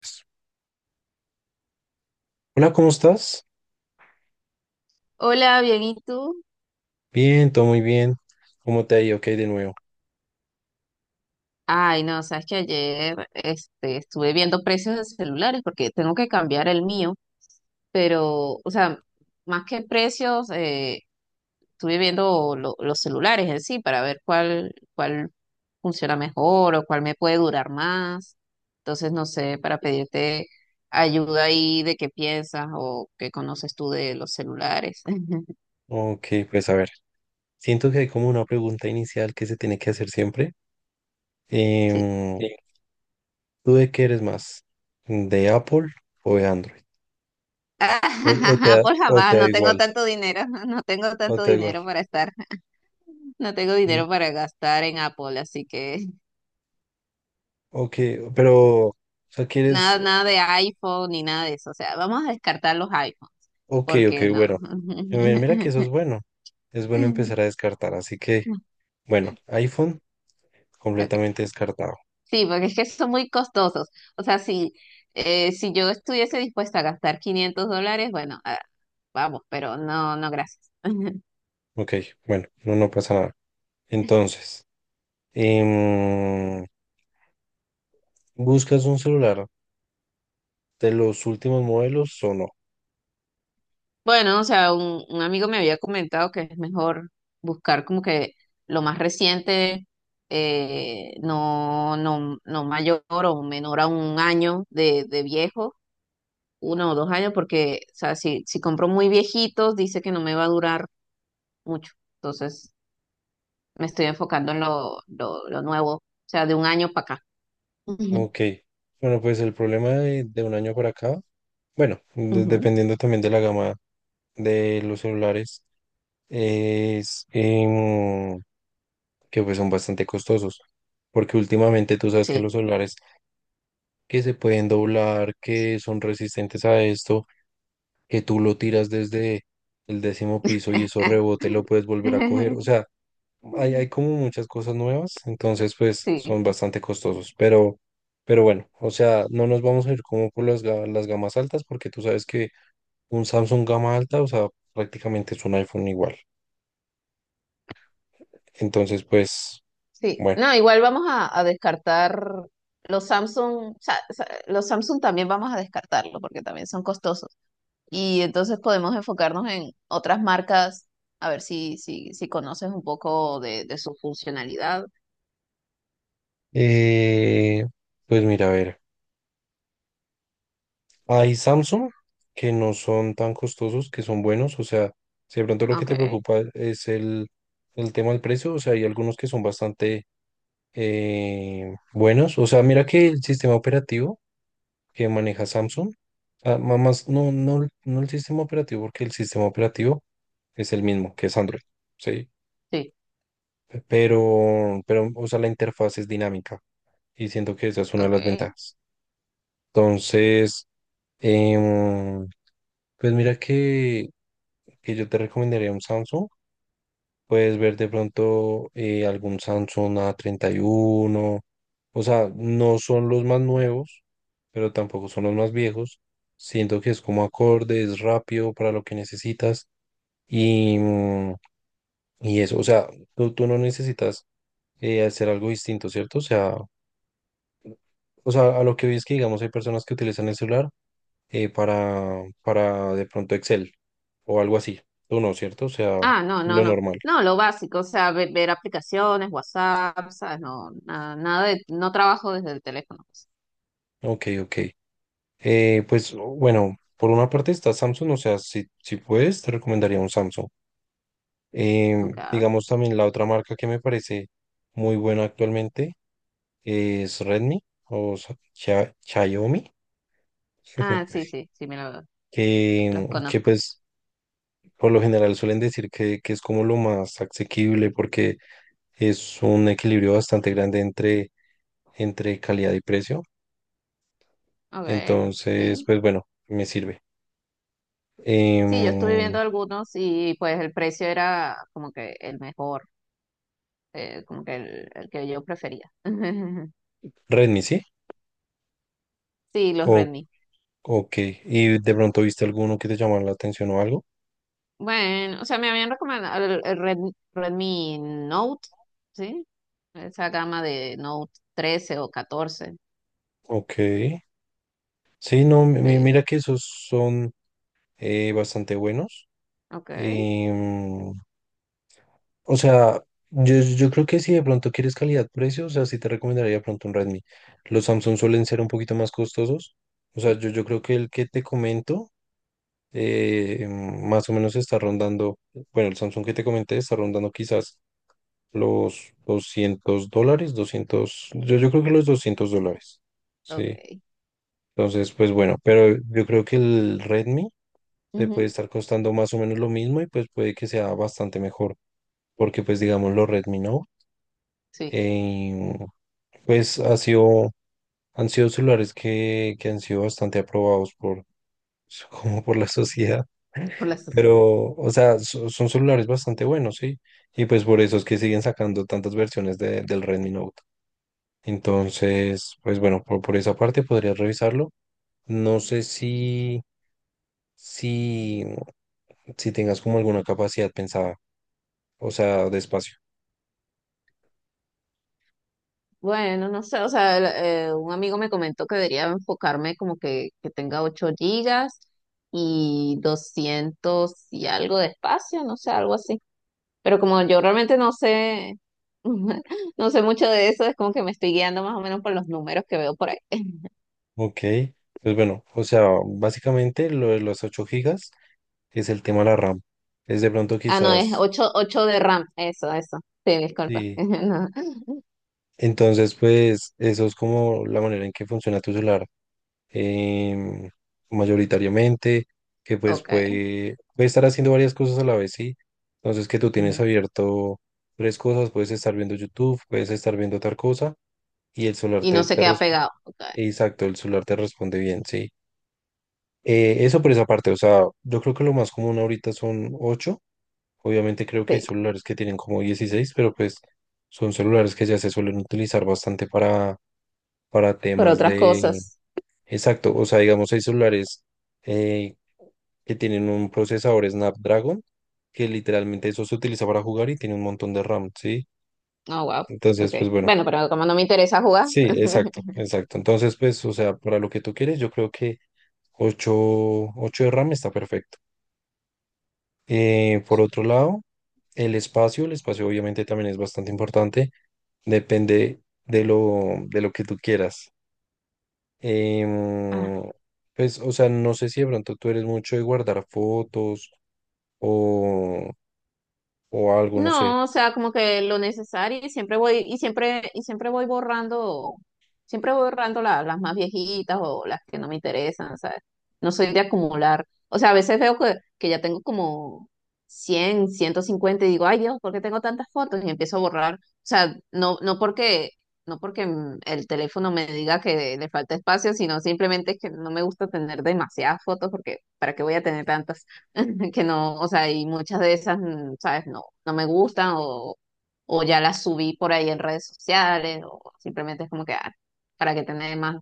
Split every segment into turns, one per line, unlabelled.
Pues, hola, ¿cómo estás?
Hola, bien, ¿y tú?
Bien, todo muy bien. ¿Cómo te ha ido? Ok, de nuevo.
Ay, no, sabes que ayer estuve viendo precios de celulares porque tengo que cambiar el mío, pero, o sea, más que precios, estuve viendo los celulares en sí para ver cuál funciona mejor o cuál me puede durar más. Entonces, no sé, para pedirte ayuda ahí de qué piensas o qué conoces tú de los celulares.
Ok, pues a ver, siento que hay como una pregunta inicial que se tiene que hacer siempre.
Sí.
Em,
Sí.
¿Tú de qué eres más? ¿De Apple o de Android? ¿O te da,
Por
o te
jamás,
da
no tengo
igual?
tanto dinero, no tengo
¿O
tanto
te da igual?
dinero para estar. No tengo
Mm,
dinero para gastar en Apple, así que
ok, pero, o sea, quieres,
nada, nada de iPhone ni nada de eso. O sea, vamos a descartar los iPhones,
ok, ok,
porque no.
bueno. Mira que eso es bueno. Es bueno empezar a descartar. Así que, bueno, iPhone
Ok.
completamente descartado.
Sí, porque es que son muy costosos. O sea, si yo estuviese dispuesta a gastar $500, bueno, ah, vamos, pero no, no, gracias.
Ok, bueno, no, no pasa nada. Entonces. Em, ¿Buscas un celular de los últimos modelos o no?
Bueno, o sea, un amigo me había comentado que es mejor buscar como que lo más reciente, no mayor o menor a un año de viejo, uno o dos años, porque, o sea, si compro muy viejitos, dice que no me va a durar mucho. Entonces, me estoy enfocando en lo nuevo, o sea, de un año para acá.
Ok. Bueno, pues el problema de, un año para acá, bueno,
Ujú, ujú,
dependiendo también de la gama de los celulares, es que pues son bastante costosos. Porque últimamente tú sabes que
sí.
los celulares que se pueden doblar, que son resistentes a esto, que tú lo tiras desde el décimo piso y eso rebote, lo puedes volver a coger. O sea, hay como muchas cosas nuevas, entonces pues son
Sí.
bastante costosos, pero bueno, o sea, no nos vamos a ir como por las gamas altas porque tú sabes que un Samsung gama alta, o sea, prácticamente es un iPhone igual. Entonces pues,
Sí,
bueno,
no, igual vamos a descartar los Samsung, o sea, los Samsung también vamos a descartarlos porque también son costosos. Y entonces podemos enfocarnos en otras marcas, a ver si conoces un poco de su funcionalidad.
eh, pues mira, a ver, hay Samsung que no son tan costosos, que son buenos, o sea, si de pronto lo que
Ok,
te preocupa es el tema del precio, o sea, hay algunos que son bastante buenos, o sea, mira que el sistema operativo que maneja Samsung. Ah, más, no, no, no el sistema operativo, porque el sistema operativo es el mismo, que es Android, ¿sí?
sí,
Pero, o sea, la interfaz es dinámica y siento que esa es una de las
ok.
ventajas. Entonces, em, pues mira que, yo te recomendaría un Samsung. Puedes ver de pronto algún Samsung a 31. O sea, no son los más nuevos, pero tampoco son los más viejos. Siento que es como acorde, es rápido para lo que necesitas. Y, mm, y eso, o sea, tú no necesitas hacer algo distinto, ¿cierto? O sea, a lo que vi es que, digamos, hay personas que utilizan el celular para, de pronto Excel o algo así. Tú no, ¿cierto? O sea,
Ah, no, no,
lo
no.
normal.
No, lo básico, o sea, ver, aplicaciones, WhatsApp, ¿sabes? No, nada, nada de, no trabajo desde el teléfono, pues.
Ok, ok. Pues bueno, por una parte está Samsung, o sea, si, puedes, te recomendaría un Samsung.
Ok.
Digamos también la otra marca que me parece muy buena actualmente es Redmi o Xiaomi,
Ah, sí, sí, sí, los
que,
conozco.
pues por lo general suelen decir que es como lo más asequible porque es un equilibrio bastante grande entre calidad y precio.
Ok,
Entonces,
sí.
pues bueno, me sirve.
Sí, yo estuve
Em,
viendo algunos y pues el precio era como que el mejor, como que el que yo prefería.
Redmi, ¿sí?
Sí, los Redmi.
Ok, ¿y de pronto viste alguno que te llamara la atención o algo?
Bueno, o sea, me habían recomendado el Redmi Note, ¿sí? Esa gama de Note 13 o 14.
Ok, sí, no,
eh,
mira que esos son bastante buenos.
ok,
Em, o sea, yo, creo que si de pronto quieres calidad-precio, o sea, sí te recomendaría de pronto un Redmi. Los Samsung suelen ser un poquito más costosos. O sea,
sí,
yo creo que el que te comento más o menos está rondando, bueno, el Samsung que te comenté está rondando quizás los $200, yo creo que los $200. Sí.
ok.
Entonces, pues bueno, pero yo creo que el Redmi te puede
Ujú,
estar costando más o menos lo mismo y pues puede que sea bastante mejor, porque pues digamos los Redmi Note,
sí,
em, pues han sido celulares que, han sido bastante aprobados por, como por la sociedad,
por las.
pero, o sea, son celulares bastante buenos, sí. Y pues por eso es que siguen sacando tantas versiones del Redmi Note. Entonces, pues bueno, por, esa parte podrías revisarlo. No sé si, si tengas como alguna capacidad pensada, o sea, de espacio.
Bueno, no sé, o sea, un amigo me comentó que debería enfocarme como que tenga 8 gigas y 200 y algo de espacio, no sé, algo así. Pero como yo realmente no sé, no sé mucho de eso, es como que me estoy guiando más o menos por los números que veo por ahí.
Ok, pues bueno, o sea, básicamente lo de los 8 gigas es el tema de la RAM. Es de pronto
Ah, no, es
quizás,
ocho de RAM, eso, eso. Sí, disculpa.
sí.
No,
Entonces, pues eso es como la manera en que funciona tu celular. em, mayoritariamente, que pues
ok.
puede, estar haciendo varias cosas a la vez, ¿sí? Entonces que tú tienes
Ujú.
abierto tres cosas, puedes estar viendo YouTube, puedes estar viendo otra cosa y el celular
Y no
te,
se
te
queda
responde,
pegado, ok.
exacto, el celular te responde bien, ¿sí? Eso por esa parte, o sea, yo creo que lo más común ahorita son ocho, obviamente creo que hay
Sí,
celulares que tienen como 16 pero pues son celulares que ya se suelen utilizar bastante para
por
temas
otras
de...
cosas.
Exacto, o sea, digamos, hay celulares eh, que tienen un procesador Snapdragon, que literalmente eso se utiliza para jugar y tiene un montón de RAM, ¿sí?
Oh, wow. Ok.
Entonces, pues bueno,
Bueno, pero como no me interesa jugar.
sí, exacto, exacto. Entonces, pues, o sea, para lo que tú quieres, yo creo que 8 8 de RAM está perfecto. Por otro lado, el espacio obviamente también es bastante importante, depende de lo, que tú quieras. Em, pues, o sea, no sé si de pronto tú eres mucho de guardar fotos o, o algo, no sé.
No, o sea, como que lo necesario y siempre voy borrando las más viejitas o las que no me interesan, ¿sabes? No soy de acumular. O sea, a veces veo que ya tengo como 100, 150 y digo, ay Dios, ¿por qué tengo tantas fotos? Y empiezo a borrar. O sea, no porque el teléfono me diga que le falta espacio, sino simplemente es que no me gusta tener demasiadas fotos porque ¿para qué voy a tener tantas? Que no, o sea, y muchas de esas, ¿sabes? No, no me gustan o ya las subí por ahí en redes sociales o simplemente es como que, ah, para que tener más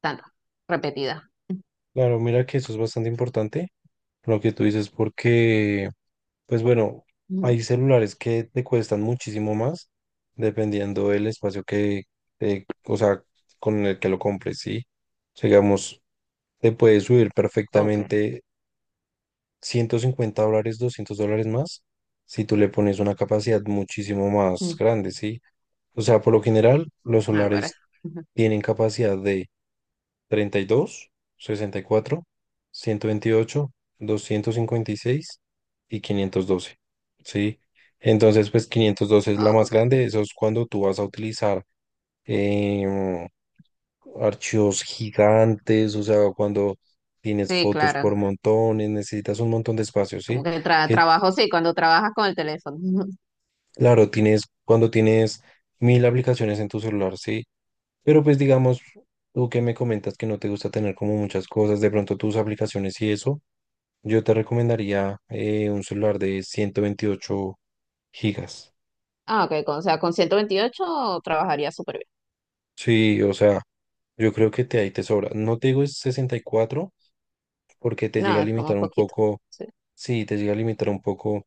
tantas repetidas.
Claro, mira que eso es bastante importante, lo que tú dices, porque, pues bueno,
Ujú.
hay celulares que te cuestan muchísimo más dependiendo del espacio que, o sea, con el que lo compres, ¿sí? O sea, digamos, te puede subir
Ok.
perfectamente $150, $200 más si tú le pones una capacidad muchísimo más
Mm.
grande, ¿sí? O sea, por lo general, los
Ahora.
celulares
Ujú.
tienen capacidad 32, 64, 128, doscientos cincuenta y seis y 512, ¿sí? Entonces, pues 512 es la
Ah,
más
ok.
grande. Eso es cuando tú vas a utilizar em, archivos gigantes, o sea, cuando tienes
Sí,
fotos
claro.
por montones, necesitas un montón de espacio,
Como
¿sí?
que
Que
trabajo, sí, cuando trabajas con el teléfono.
claro, tienes cuando tienes mil aplicaciones en tu celular, ¿sí? Pero pues digamos, tú que me comentas que no te gusta tener como muchas cosas, de pronto tus aplicaciones y eso. Yo te recomendaría un celular de 128 gigas.
Ah, ok, o sea, con 128 trabajaría súper bien.
Sí, o sea, yo creo que te ahí te sobra. No te digo es 64 porque te llega
No,
a
es como
limitar un
poquito.
poco,
Sí.
sí, te llega a limitar un poco,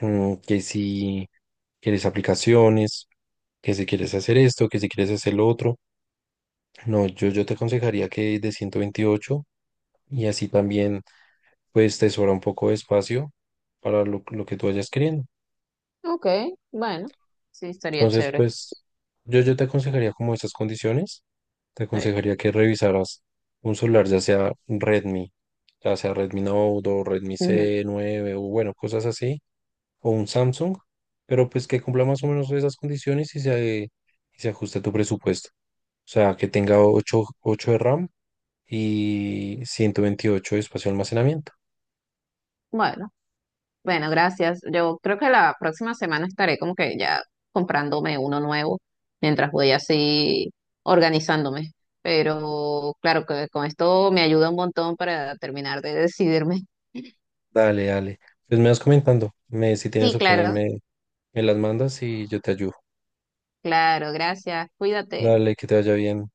que si quieres aplicaciones, que si quieres hacer esto, que si quieres hacer lo otro. No, yo, te aconsejaría que de 128 y así también pues te sobra un poco de espacio para lo, que tú vayas queriendo.
Ok, bueno. Sí, estaría
Entonces,
chévere.
pues yo te aconsejaría como estas condiciones, te
Sí.
aconsejaría que revisaras un celular, ya sea Redmi Note o Redmi
Ujú.
c nueve o bueno, cosas así, o un Samsung, pero pues que cumpla más o menos esas condiciones y se ajuste a tu presupuesto. O sea, que tenga ocho de RAM y 128 de espacio de almacenamiento.
Bueno. Bueno, gracias. Yo creo que la próxima semana estaré como que ya comprándome uno nuevo mientras voy así organizándome. Pero claro que con esto me ayuda un montón para terminar de decidirme.
Dale, dale. Pues me vas comentando, si tienes
Sí,
opciones
claro,
me las mandas y yo te ayudo.
claro, gracias. Cuídate.
Dale, que te vaya bien.